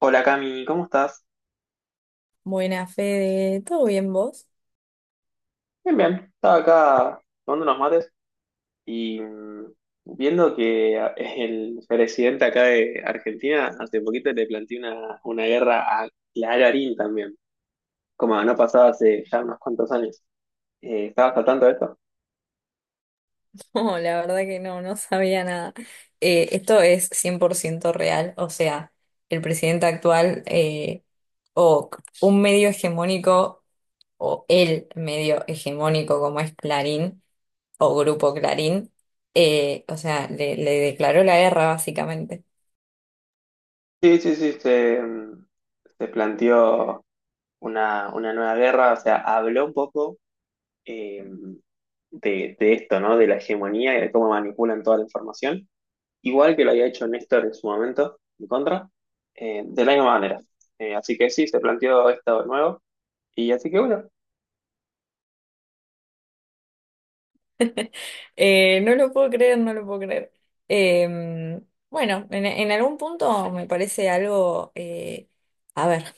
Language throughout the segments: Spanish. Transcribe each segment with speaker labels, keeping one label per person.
Speaker 1: Hola Cami, ¿cómo estás?
Speaker 2: Buena, Fede. ¿Todo bien vos?
Speaker 1: Bien, bien. Estaba acá tomando unos mates y viendo que el presidente acá de Argentina hace poquito le planteó una guerra a Clarín también, como no pasaba hace ya unos cuantos años. ¿Estabas al tanto de esto?
Speaker 2: No, la verdad que no sabía nada. Esto es 100% real, o sea, el presidente actual o un medio hegemónico o el medio hegemónico como es Clarín o Grupo Clarín, o sea, le declaró la guerra básicamente.
Speaker 1: Sí, sí, sí, se planteó una nueva guerra, o sea, habló un poco eh, de esto, ¿no? De la hegemonía y de cómo manipulan toda la información. Igual que lo había hecho Néstor en su momento, en contra, de la misma manera. Así que sí, se planteó esto de nuevo. Y así que bueno,
Speaker 2: No lo puedo creer, no lo puedo creer. Eh, bueno, en algún punto me parece algo, a ver,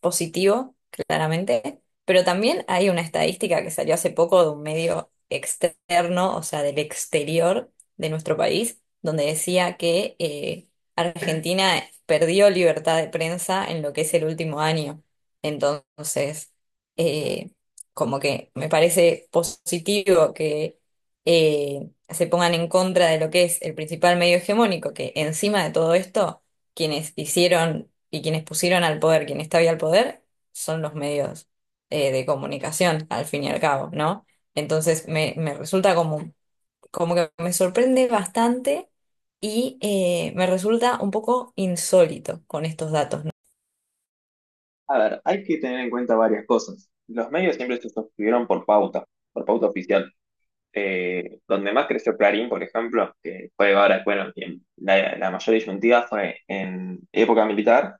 Speaker 2: positivo, claramente, pero también hay una estadística que salió hace poco de un medio externo, o sea, del exterior de nuestro país, donde decía que Argentina perdió libertad de prensa en lo que es el último año. Entonces, eh, como que me parece positivo que se pongan en contra de lo que es el principal medio hegemónico, que encima de todo esto quienes hicieron y quienes pusieron al poder, quien está al poder, son los medios de comunicación, al fin y al cabo, ¿no? Entonces me resulta como, como que me sorprende bastante y me resulta un poco insólito con estos datos, ¿no?
Speaker 1: a ver, hay que tener en cuenta varias cosas. Los medios siempre se suscribieron por pauta oficial. Donde más creció Clarín, por ejemplo, que fue ahora, bueno, en la mayor disyuntiva fue en época militar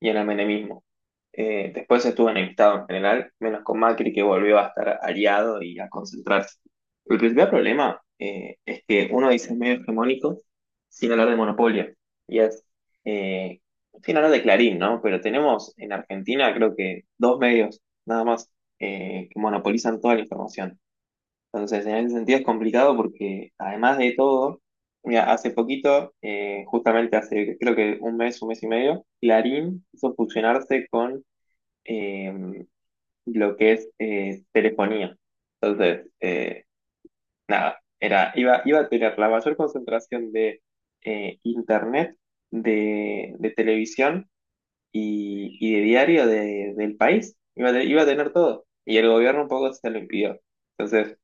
Speaker 1: y en el menemismo. Después estuvo enemistado en general, menos con Macri que volvió a estar aliado y a concentrarse. El principal problema es que uno dice medio hegemónico sin hablar de monopolio. Y es, eh, Sin hablar de Clarín, ¿no? Pero tenemos en Argentina creo que dos medios nada más que monopolizan toda la información. Entonces, en ese sentido es complicado porque además de todo, mira, hace poquito, justamente hace creo que un mes y medio, Clarín hizo fusionarse con eh, lo que es telefonía. Entonces, nada, iba a tener la mayor concentración de internet, de televisión y de diario del país. Iba a, iba a tener todo. Y el gobierno un poco se lo impidió. Entonces,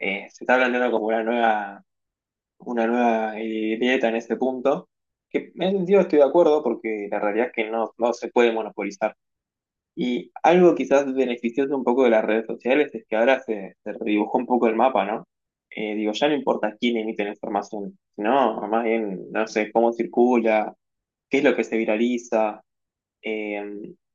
Speaker 1: se está planteando como una nueva dieta en este punto, que en ese sentido estoy de acuerdo porque la realidad es que no, no se puede monopolizar. Y algo quizás beneficioso un poco de las redes sociales es que ahora se, se redibujó un poco el mapa, ¿no? Digo, ya no importa quién emite la información, sino más bien, no sé, cómo circula, qué es lo que se viraliza, eh,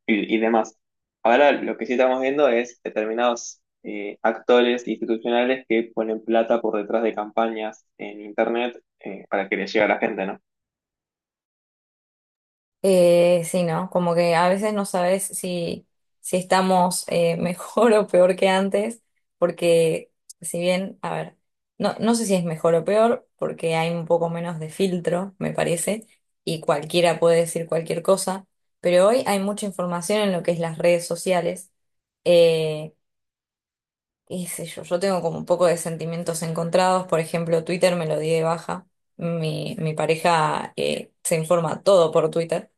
Speaker 1: y demás. Ahora lo que sí estamos viendo es determinados actores institucionales que ponen plata por detrás de campañas en internet para que les llegue a la gente, ¿no?
Speaker 2: Sí, ¿no? Como que a veces no sabes si estamos mejor o peor que antes, porque si bien, a ver, no, no sé si es mejor o peor, porque hay un poco menos de filtro, me parece, y cualquiera puede decir cualquier cosa, pero hoy hay mucha información en lo que es las redes sociales. eh, Qué sé yo, yo tengo como un poco de sentimientos encontrados, por ejemplo, Twitter me lo di de baja, mi pareja se informa todo por Twitter,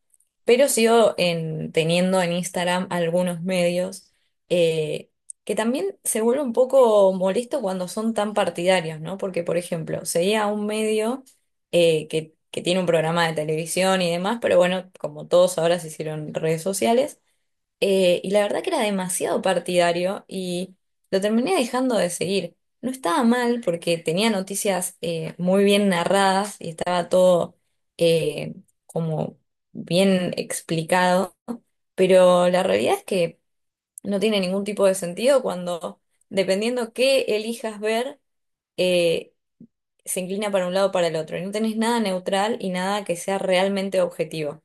Speaker 2: pero teniendo en Instagram algunos medios eh, que también se vuelve un poco molesto cuando son tan partidarios, ¿no? Porque, por ejemplo, seguía a un medio que tiene un programa de televisión y demás, pero bueno, como todos ahora se hicieron redes sociales. Y la verdad que era demasiado partidario y lo terminé dejando de seguir. No estaba mal porque tenía noticias muy bien narradas y estaba todo eh, como bien explicado, pero la realidad es que no tiene ningún tipo de sentido cuando, dependiendo qué elijas ver, eh, se inclina para un lado o para el otro. Y no tenés nada neutral y nada que sea realmente objetivo.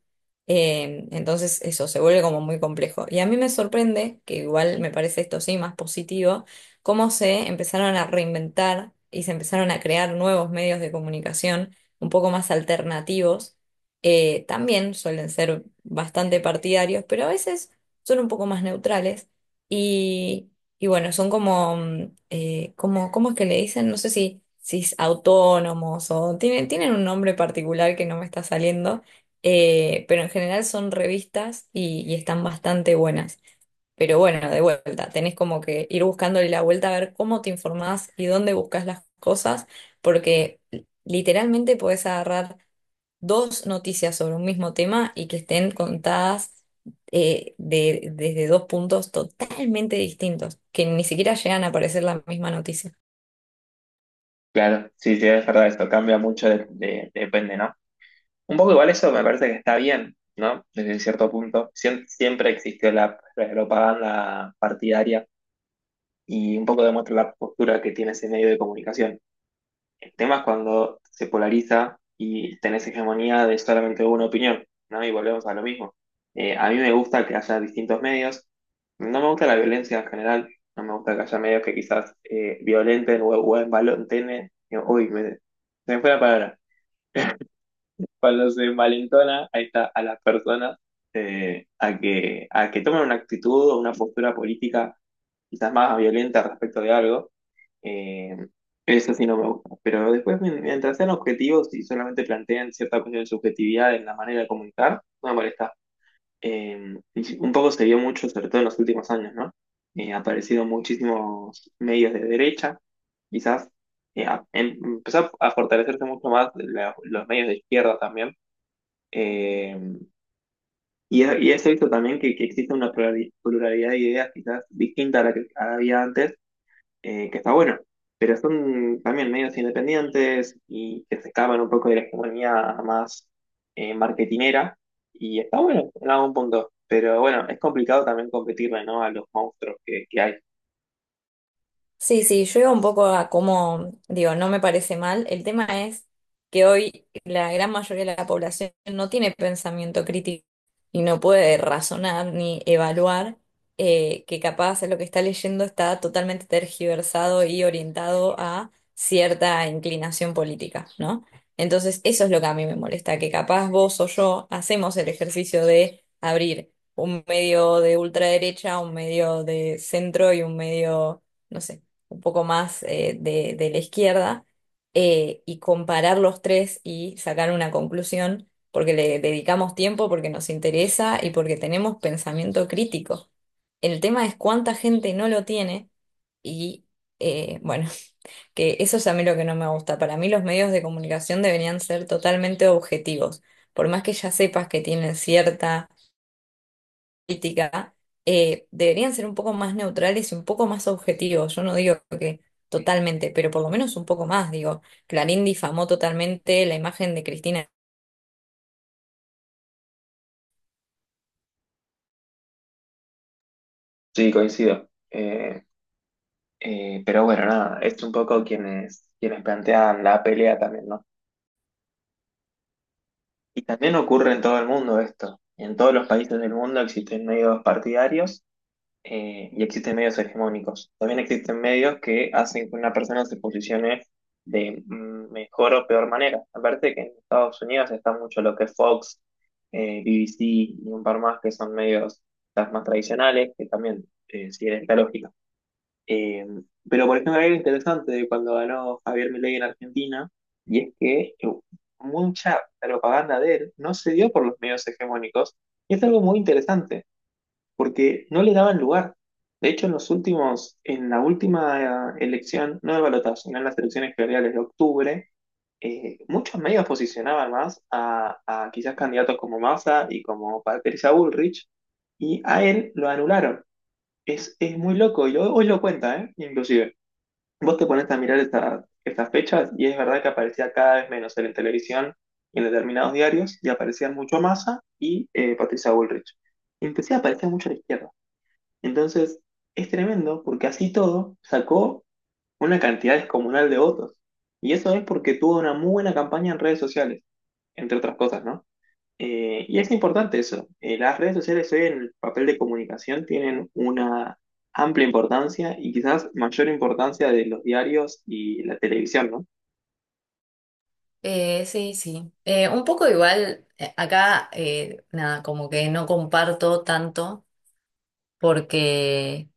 Speaker 2: Entonces eso se vuelve como muy complejo. Y a mí me sorprende, que igual me parece esto sí más positivo, cómo se empezaron a reinventar y se empezaron a crear nuevos medios de comunicación un poco más alternativos. También suelen ser bastante partidarios, pero a veces son un poco más neutrales. y bueno, son como ¿cómo es que le dicen? No sé si, si es autónomos o tienen un nombre particular que no me está saliendo, pero en general son revistas y están bastante buenas. Pero bueno, de vuelta, tenés como que ir buscándole la vuelta a ver cómo te informás y dónde buscas las cosas, porque literalmente podés agarrar dos noticias sobre un mismo tema y que estén contadas desde dos puntos totalmente distintos, que ni siquiera llegan a parecer la misma noticia.
Speaker 1: Claro, sí, sí, es verdad, esto cambia mucho, depende, ¿no? Un poco igual eso me parece que está bien, ¿no? Desde cierto punto. Siempre existió la propaganda partidaria y un poco demuestra la postura que tiene ese medio de comunicación. El tema es cuando se polariza y tenés hegemonía de solamente una opinión, ¿no? Y volvemos a lo mismo. A mí me gusta que haya distintos medios. No me gusta la violencia en general. No me gusta que haya medios que quizás violenten o envalenten. Uy, se me fue la palabra cuando se malentona ahí está, a las personas a que tomen una actitud o una postura política quizás más violenta respecto de algo. eh, Eso sí no me gusta. Pero después, mientras sean objetivos y solamente planteen cierta cuestión de subjetividad en la manera de comunicar, no me molesta. Y sí, un poco se vio mucho, sobre todo en los últimos años, ¿no? Ha aparecido muchísimos medios de derecha, quizás empezó a fortalecerse mucho más los medios de izquierda también eh, y he visto también que existe una pluralidad de ideas quizás distinta a la que había antes, que está bueno, pero son también medios independientes y que se escapan un poco de la hegemonía más marketinera y está bueno en algún punto, pero bueno, es complicado también competirle, ¿no? A los monstruos que hay.
Speaker 2: Sí, sí, yo iba un poco a cómo, digo, no me parece mal. El tema es que hoy la gran mayoría de la población no tiene pensamiento crítico y no puede razonar ni evaluar que capaz lo que está leyendo está totalmente tergiversado y orientado a cierta inclinación política, ¿no? Entonces, eso es lo que a mí me molesta, que capaz vos o yo hacemos el ejercicio de abrir un medio de ultraderecha, un medio de centro y un medio, no sé, un poco más de la izquierda, y comparar los tres y sacar una conclusión, porque le dedicamos tiempo, porque nos interesa y porque tenemos pensamiento crítico. El tema es cuánta gente no lo tiene y, bueno, que eso es a mí lo que no me gusta. Para mí los medios de comunicación deberían ser totalmente objetivos. Por más que ya sepas que tienen cierta política deberían ser un poco más neutrales y un poco más objetivos. Yo no digo que totalmente, pero por lo menos un poco más. Digo, Clarín difamó totalmente la imagen de Cristina.
Speaker 1: Sí, coincido. Pero bueno, nada, es un poco quienes, quienes plantean la pelea también, ¿no? Y también ocurre en todo el mundo esto. En todos los países del mundo existen medios partidarios y existen medios hegemónicos. También existen medios que hacen que una persona se posicione de mejor o peor manera. Aparte que en Estados Unidos está mucho lo que es Fox, BBC y un par más que son medios quizás más tradicionales, que también siguen esta lógica. Eh, pero por ejemplo, hay algo interesante de cuando ganó Javier Milei en Argentina, y es que mucha propaganda de él no se dio por los medios hegemónicos, y es algo muy interesante, porque no le daban lugar. De hecho, en los últimos, en la última elección, no de balotaje, sino en las elecciones generales de octubre, muchos medios posicionaban más a quizás candidatos como Massa y como Patricia Bullrich, y a él lo anularon. Es muy loco, y hoy lo cuenta, ¿eh? Inclusive. Vos te pones a mirar estas fechas y es verdad que aparecía cada vez menos él en la televisión y en determinados diarios y aparecían mucho Massa y Patricia Bullrich. Y empecé a aparecer mucho a la izquierda. Entonces es tremendo porque así todo sacó una cantidad descomunal de votos. Y eso es porque tuvo una muy buena campaña en redes sociales, entre otras cosas, ¿no? Y es importante eso. Las redes sociales hoy en el papel de comunicación tienen una amplia importancia y quizás mayor importancia de los diarios y la televisión, ¿no?
Speaker 2: Sí, sí. Un poco igual, acá, nada, como que no comparto tanto porque...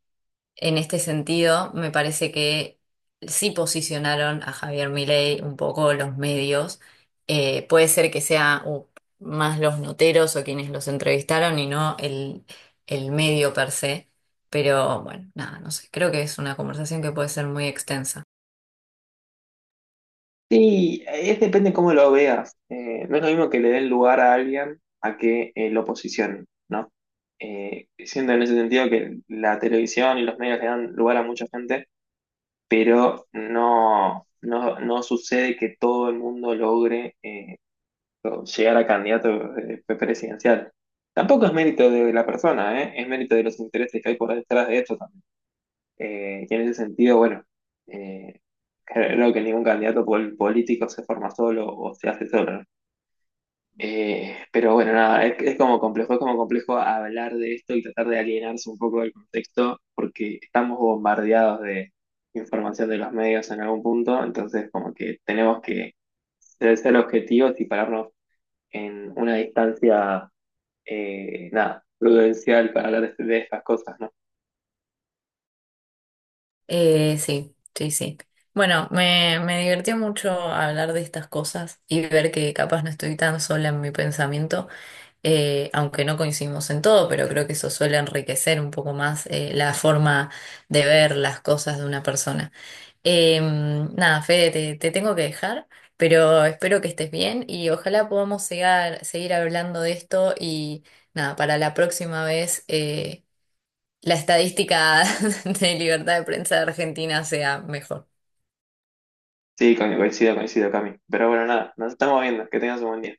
Speaker 2: En este sentido, me parece que sí posicionaron a Javier Milei un poco los medios. Puede ser que sea más los noteros o quienes los entrevistaron y no el medio per se. Pero bueno, nada, no sé. Creo que es una conversación que puede ser muy extensa.
Speaker 1: Sí, es depende cómo lo veas. No es lo mismo que le den lugar a alguien a que lo posicionen, ¿no? Siento en ese sentido que la televisión y los medios le dan lugar a mucha gente, pero no, no, no sucede que todo el mundo logre o llegar a candidato presidencial. Tampoco es mérito de la persona, ¿eh? Es mérito de los intereses que hay por detrás de esto también. Y en ese sentido, bueno, eh, creo que ningún candidato político se forma solo o se hace solo, ¿no? Pero bueno, nada, es como complejo hablar de esto y tratar de alienarse un poco del contexto porque estamos bombardeados de información de los medios en algún punto, entonces como que tenemos que ser objetivos y pararnos en una distancia, nada, prudencial para hablar de estas cosas, ¿no?
Speaker 2: Sí, sí, sí. Bueno, me divirtió mucho hablar de estas cosas y ver que capaz no estoy tan sola en mi pensamiento. Aunque no coincidimos en todo, pero creo que eso suele enriquecer un poco más la forma de ver las cosas de una persona. Eh, nada, Fede, te tengo que dejar, pero espero que estés bien y ojalá seguir hablando de esto y nada, para la próxima vez la estadística de libertad de prensa de Argentina sea mejor.
Speaker 1: Sí, coincido, coincido, Cami. Pero bueno, nada, nos estamos viendo. Que tengas un buen día.